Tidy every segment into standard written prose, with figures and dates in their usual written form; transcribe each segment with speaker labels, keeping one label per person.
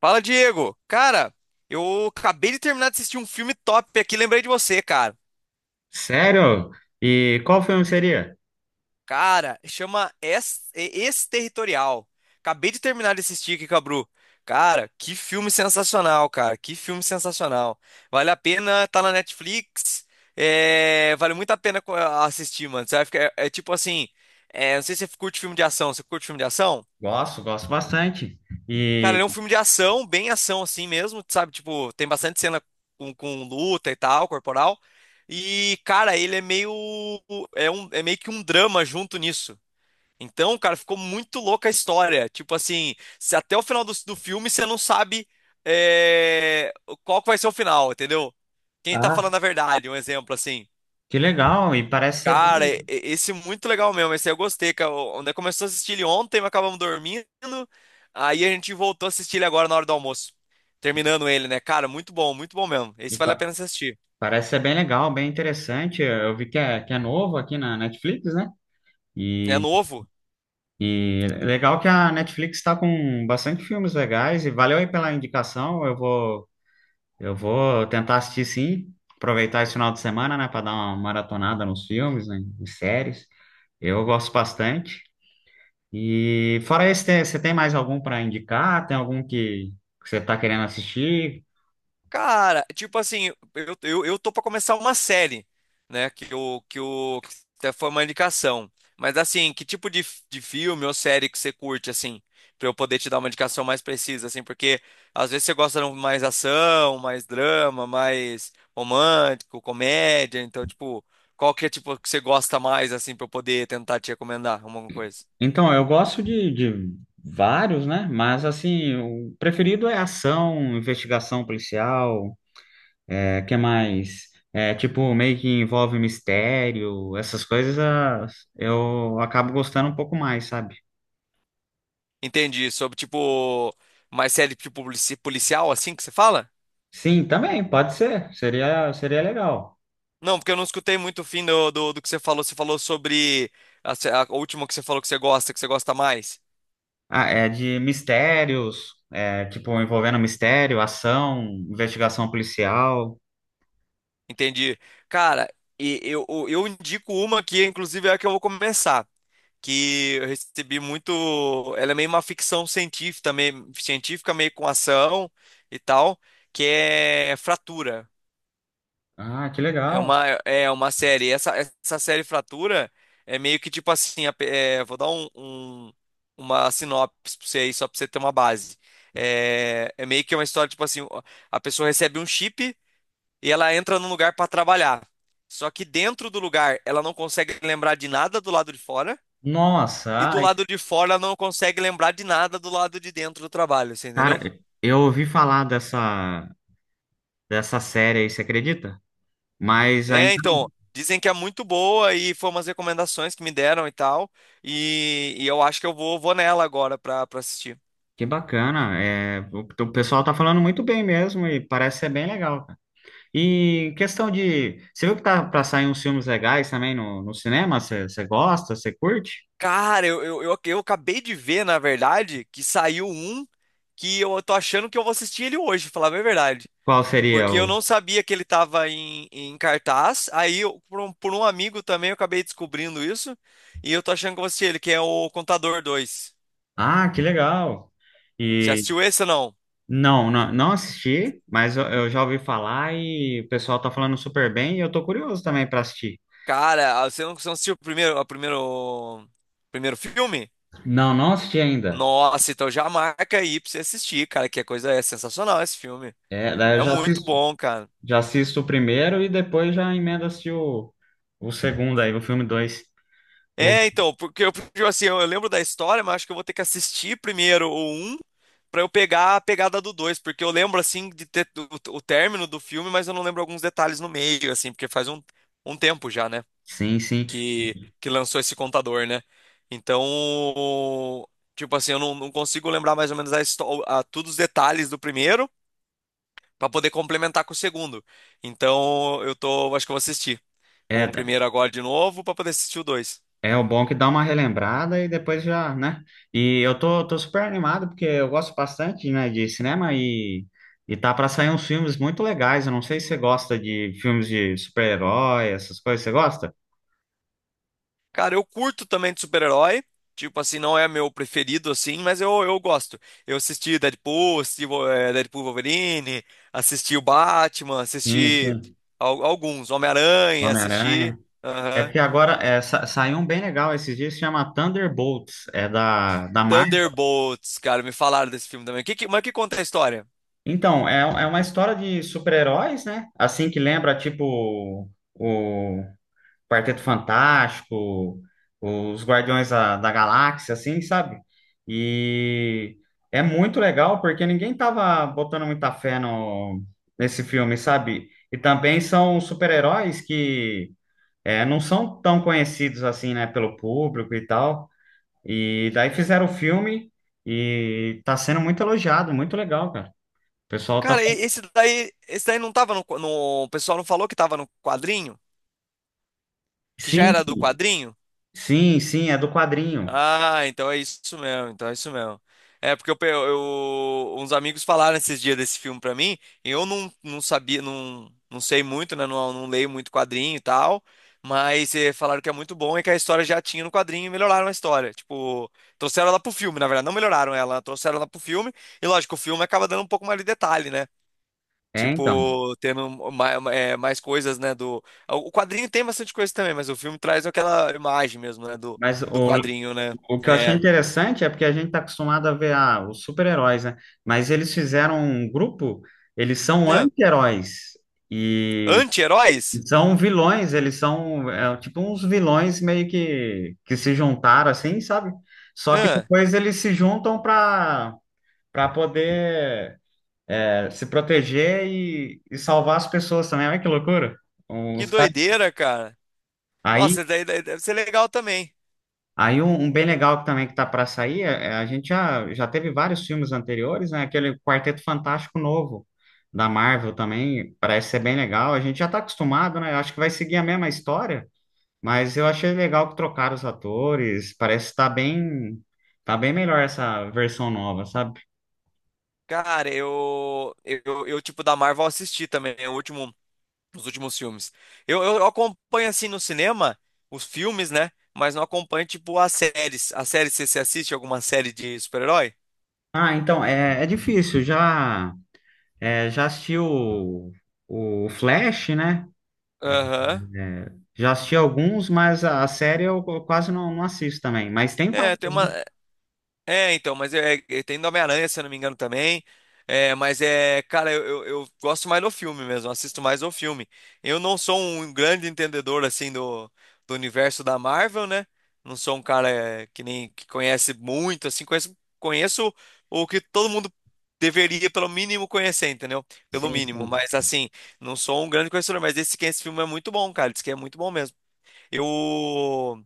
Speaker 1: Fala, Diego. Cara, eu acabei de terminar de assistir um filme top aqui, lembrei de você, cara.
Speaker 2: Sério? E qual filme seria?
Speaker 1: Cara, chama territorial. Acabei de terminar de assistir aqui, Cabru. Cara, que filme sensacional, cara. Que filme sensacional. Vale a pena, tá na Netflix. É, vale muito a pena assistir, mano. Você vai ficar, é, é tipo assim, não sei se você curte filme de ação. Você curte filme de ação?
Speaker 2: Gosto, gosto bastante.
Speaker 1: Cara,
Speaker 2: E
Speaker 1: ele é um filme de ação, bem ação assim mesmo, sabe? Tipo, tem bastante cena com luta e tal, corporal. E, cara, ele é meio. É, um, é meio que um drama junto nisso. Então, cara, ficou muito louca a história. Tipo assim, se até o final do filme você não sabe é, qual que vai ser o final, entendeu? Quem tá
Speaker 2: ah,
Speaker 1: falando a verdade, um exemplo assim.
Speaker 2: que legal! E parece ser
Speaker 1: Cara, esse é muito legal mesmo. Esse eu gostei. Cara. Onde começou a assistir ele ontem, mas acabamos dormindo. Aí a gente voltou a assistir ele agora na hora do almoço. Terminando ele, né? Cara, muito bom mesmo.
Speaker 2: e
Speaker 1: Esse vale a
Speaker 2: pa-
Speaker 1: pena você assistir.
Speaker 2: parece ser bem legal, bem interessante. Eu vi que é novo aqui na Netflix, né?
Speaker 1: É
Speaker 2: E,
Speaker 1: novo.
Speaker 2: e legal que a Netflix está com bastante filmes legais. E valeu aí pela indicação. Eu vou tentar assistir sim. Aproveitar esse final de semana, né, para dar uma maratonada nos filmes, né, em séries. Eu gosto bastante. E fora esse, você tem mais algum para indicar? Tem algum que você está querendo assistir?
Speaker 1: Cara, tipo assim, eu tô pra começar uma série, né? Que até foi uma indicação. Mas assim, que tipo de, de filme ou série que você curte, assim, pra eu poder te dar uma indicação mais precisa, assim, porque às vezes você gosta de um mais ação, mais drama, mais romântico, comédia, então, tipo, qual que é tipo que você gosta mais, assim, pra eu poder tentar te recomendar alguma coisa?
Speaker 2: Então, eu gosto de vários, né? Mas assim, o preferido é ação, investigação policial, é, que mais? É, tipo, meio que envolve mistério, essas coisas eu acabo gostando um pouco mais, sabe?
Speaker 1: Entendi, sobre tipo mais série tipo policial, assim que você fala?
Speaker 2: Sim, também, pode ser. Seria legal.
Speaker 1: Não, porque eu não escutei muito o fim do que você falou. Você falou sobre a, se- a última que você falou que você gosta mais.
Speaker 2: Ah, é de mistérios, é, tipo, envolvendo mistério, ação, investigação policial.
Speaker 1: Entendi. Cara, e eu indico uma que, inclusive, é a que eu vou começar. Que eu recebi muito. Ela é meio uma ficção científica, meio com ação e tal. Que é Fratura.
Speaker 2: Ah, que
Speaker 1: É
Speaker 2: legal.
Speaker 1: uma, é uma série. Essa série Fratura é meio que tipo assim. Vou dar um, uma sinopse pra você aí, só pra você ter uma base. É, é meio que uma história, tipo assim, a pessoa recebe um chip e ela entra num lugar pra trabalhar. Só que dentro do lugar ela não consegue lembrar de nada do lado de fora, e
Speaker 2: Nossa,
Speaker 1: do
Speaker 2: ai,
Speaker 1: lado de fora ela não consegue lembrar de nada do lado de dentro do trabalho, você entendeu?
Speaker 2: cara, eu ouvi falar dessa série aí, você acredita? Mas ainda
Speaker 1: É,
Speaker 2: não.
Speaker 1: então, dizem que é muito boa e foi umas recomendações que me deram e tal. E eu acho que eu vou, vou nela agora pra assistir.
Speaker 2: Que bacana. É, o pessoal tá falando muito bem mesmo e parece ser bem legal, cara. E questão de. Você viu que tá pra sair uns filmes legais também no cinema? Você gosta? Você curte?
Speaker 1: Cara, eu acabei de ver, na verdade, que saiu um que eu tô achando que eu vou assistir ele hoje, falar bem a verdade.
Speaker 2: Qual seria
Speaker 1: Porque eu
Speaker 2: o.
Speaker 1: não sabia que ele tava em cartaz. Aí, por um amigo também, eu acabei descobrindo isso. E eu tô achando que eu vou assistir ele, que é o Contador dois.
Speaker 2: Ah, que legal.
Speaker 1: Você
Speaker 2: E.
Speaker 1: assistiu esse ou não?
Speaker 2: Não assisti, mas eu já ouvi falar e o pessoal tá falando super bem e eu tô curioso também para assistir.
Speaker 1: Cara, você não assistiu o primeiro, o primeiro filme?
Speaker 2: Não, não assisti ainda.
Speaker 1: Nossa, então já marca aí pra você assistir, cara, que a coisa é sensacional esse filme.
Speaker 2: É, daí
Speaker 1: É muito bom, cara.
Speaker 2: já assisto o primeiro e depois já emenda se o, o segundo aí, o filme dois. O
Speaker 1: É, então, porque eu, porque, assim, eu lembro da história, mas acho que eu vou ter que assistir primeiro o um pra eu pegar a pegada do 2 porque eu lembro, assim, de ter o término do filme, mas eu não lembro alguns detalhes no meio, assim, porque faz um, um tempo já, né,
Speaker 2: Sim, sim.
Speaker 1: que lançou esse contador, né? Então, tipo assim, eu não, não consigo lembrar mais ou menos todos os detalhes do primeiro, pra poder complementar com o segundo. Então, eu tô, acho que eu vou assistir o
Speaker 2: É,
Speaker 1: primeiro agora de novo pra poder assistir o dois.
Speaker 2: é o bom que dá uma relembrada e depois já, né? E eu tô super animado porque eu gosto bastante, né, e tá pra sair uns filmes muito legais. Eu não sei se você gosta de filmes de super-herói, essas coisas. Você gosta?
Speaker 1: Cara, eu curto também de super-herói. Tipo assim, não é meu preferido assim, mas eu gosto. Eu assisti Deadpool, assisti Deadpool Wolverine, assisti o Batman,
Speaker 2: Sim,
Speaker 1: assisti
Speaker 2: sim.
Speaker 1: alguns, Homem-Aranha, assisti.
Speaker 2: Homem-Aranha. É
Speaker 1: Aham.
Speaker 2: porque agora saiu um bem legal esses dias, se chama Thunderbolts, é da Marvel.
Speaker 1: Thunderbolts, cara, me falaram desse filme também. Mas que conta a história?
Speaker 2: Então, é uma história de super-heróis, né? Assim que lembra, tipo, o Quarteto Fantástico, os Guardiões da Galáxia, assim, sabe? E é muito legal porque ninguém tava botando muita fé no, nesse filme, sabe? E também são super-heróis que é, não são tão conhecidos assim, né, pelo público e tal. E daí fizeram o filme e tá sendo muito elogiado, muito legal, cara. O pessoal tá.
Speaker 1: Cara, esse daí não tava no, O pessoal não falou que tava no quadrinho? Que já
Speaker 2: Sim,
Speaker 1: era do quadrinho?
Speaker 2: sim, sim, é do quadrinho.
Speaker 1: Ah, então é isso mesmo, então é isso mesmo. É porque uns amigos falaram esses dias desse filme pra mim, e eu não sabia, não sei muito, né? Não leio muito quadrinho e tal, mas falaram que é muito bom e que a história já tinha no quadrinho e melhoraram a história. Tipo, trouxeram ela pro filme, na verdade, não melhoraram ela, trouxeram ela pro filme, e lógico, o filme acaba dando um pouco mais de detalhe, né?
Speaker 2: É, então.
Speaker 1: Tipo, tendo mais, mais coisas, né, do... O quadrinho tem bastante coisa também, mas o filme traz aquela imagem mesmo, né, do,
Speaker 2: Mas
Speaker 1: do quadrinho, né?
Speaker 2: o que eu achei
Speaker 1: É...
Speaker 2: interessante é porque a gente tá acostumado a ver os super-heróis, né? Mas eles fizeram um grupo, eles são
Speaker 1: Ah,
Speaker 2: anti-heróis e
Speaker 1: anti-heróis?
Speaker 2: são vilões, eles são é, tipo uns vilões meio que se juntaram assim, sabe? Só que
Speaker 1: Ah,
Speaker 2: depois eles se juntam para poder é, se proteger e salvar as pessoas também. Olha que loucura. Um,
Speaker 1: que
Speaker 2: sabe?
Speaker 1: doideira, cara.
Speaker 2: Aí,
Speaker 1: Nossa, daí, daí deve ser legal também.
Speaker 2: aí um bem legal que também que tá para sair, é, a gente já teve vários filmes anteriores, né? Aquele Quarteto Fantástico novo da Marvel também parece ser bem legal. A gente já tá acostumado, né? Eu acho que vai seguir a mesma história, mas eu achei legal que trocaram os atores. Parece estar bem, tá bem melhor essa versão nova, sabe?
Speaker 1: Cara, tipo, da Marvel eu assisti também, né, o último, os últimos filmes. Eu acompanho, assim, no cinema, os filmes, né, mas não acompanho, tipo, as séries. As séries, você assiste alguma série de super-herói?
Speaker 2: Ah, então é, é difícil já. É, já assisti o Flash, né? É,
Speaker 1: Aham.
Speaker 2: já assisti alguns, mas a série eu quase não assisto também. Mas tem
Speaker 1: É,
Speaker 2: vários.
Speaker 1: tem uma. É, então, mas é, tem do Homem-Aranha, se eu não me engano, também. É, mas é, cara, eu gosto mais do filme mesmo, assisto mais do filme. Eu não sou um grande entendedor, assim, do, do universo da Marvel, né? Não sou um cara é, que nem que conhece muito, assim, conheço, conheço o que todo mundo deveria, pelo mínimo, conhecer, entendeu? Pelo
Speaker 2: Sim,
Speaker 1: mínimo,
Speaker 2: sim.
Speaker 1: mas assim, não sou um grande conhecedor, mas esse, que é esse filme é muito bom, cara, diz que é muito bom mesmo. Eu...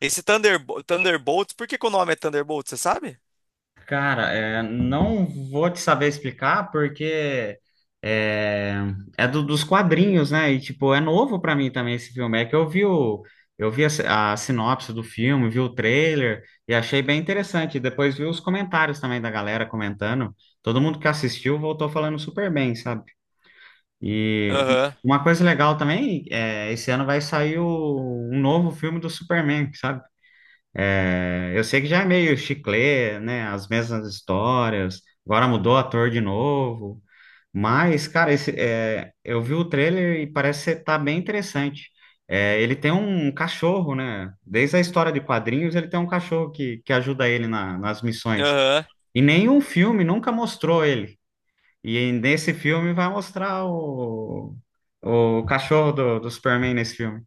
Speaker 1: Esse Thunderbolts, por que que o nome é Thunderbolts, você sabe?
Speaker 2: Cara, é, não vou te saber explicar porque é, é dos quadrinhos, né? E tipo, é novo pra mim também esse filme. É que eu vi a sinopse do filme, vi o trailer e achei bem interessante. Depois vi os comentários também da galera comentando. Todo mundo que assistiu voltou falando super bem, sabe? E
Speaker 1: Aham,
Speaker 2: uma coisa legal também, é, esse ano vai sair um novo filme do Superman, sabe? É, eu sei que já é meio chiclê, né? As mesmas histórias. Agora mudou o ator de novo. Mas, cara, esse, é, eu vi o trailer e parece tá bem interessante. É, ele tem um cachorro, né? Desde a história de quadrinhos, ele tem um cachorro que ajuda ele nas missões.
Speaker 1: aham,
Speaker 2: E nenhum filme nunca mostrou ele. E nesse filme vai mostrar o cachorro do Superman nesse filme.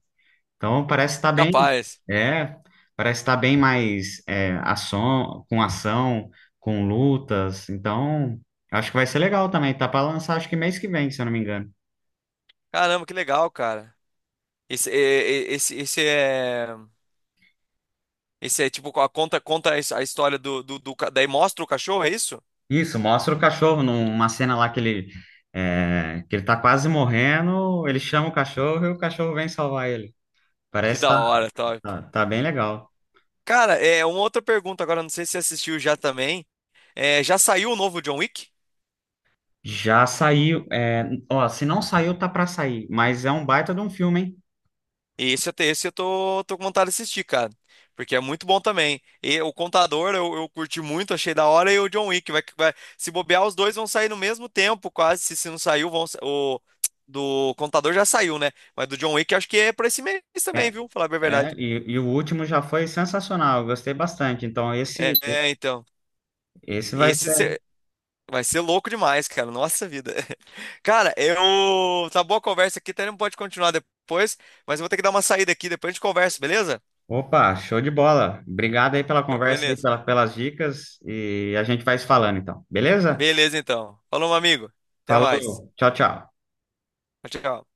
Speaker 2: Então parece estar bem,
Speaker 1: capaz.
Speaker 2: é, parece estar bem mais é, ação, com lutas. Então acho que vai ser legal também. Tá para lançar acho que mês que vem, se eu não me engano.
Speaker 1: Caramba, que legal, cara. Esse, esse, esse é tipo a conta a história do, do, daí mostra o cachorro, é isso?
Speaker 2: Isso, mostra o cachorro numa cena lá que ele é, que ele tá quase morrendo, ele chama o cachorro e o cachorro vem salvar ele.
Speaker 1: Que
Speaker 2: Parece que
Speaker 1: da hora, top.
Speaker 2: tá bem legal.
Speaker 1: Cara, é uma outra pergunta agora, não sei se você assistiu já também. É, já saiu o novo John Wick?
Speaker 2: Já saiu, é, ó, se não saiu, tá pra sair, mas é um baita de um filme, hein?
Speaker 1: E esse, até esse eu tô, tô com vontade de assistir, cara. Porque é muito bom também. E o Contador eu curti muito, achei da hora. E o John Wick vai, se bobear, os dois vão sair no mesmo tempo, quase. Se não saiu, o do Contador já saiu, né? Mas do John Wick acho que é pra esse mês também,
Speaker 2: É,
Speaker 1: viu? Falar bem a verdade.
Speaker 2: e o último já foi sensacional, eu gostei bastante. Então
Speaker 1: É,
Speaker 2: esse,
Speaker 1: é, então.
Speaker 2: esse vai
Speaker 1: Esse
Speaker 2: ser.
Speaker 1: cê- vai ser louco demais, cara. Nossa vida. Cara, eu. Tá boa a conversa aqui, até não pode continuar depois. Mas eu vou ter que dar uma saída aqui, depois a gente conversa, beleza?
Speaker 2: Opa, show de bola. Obrigado aí pela conversa aí,
Speaker 1: Beleza.
Speaker 2: pela, pelas dicas e a gente vai se falando então, beleza?
Speaker 1: Beleza, então. Falou, meu amigo. Até mais.
Speaker 2: Falou, tchau, tchau.
Speaker 1: Tchau, tchau.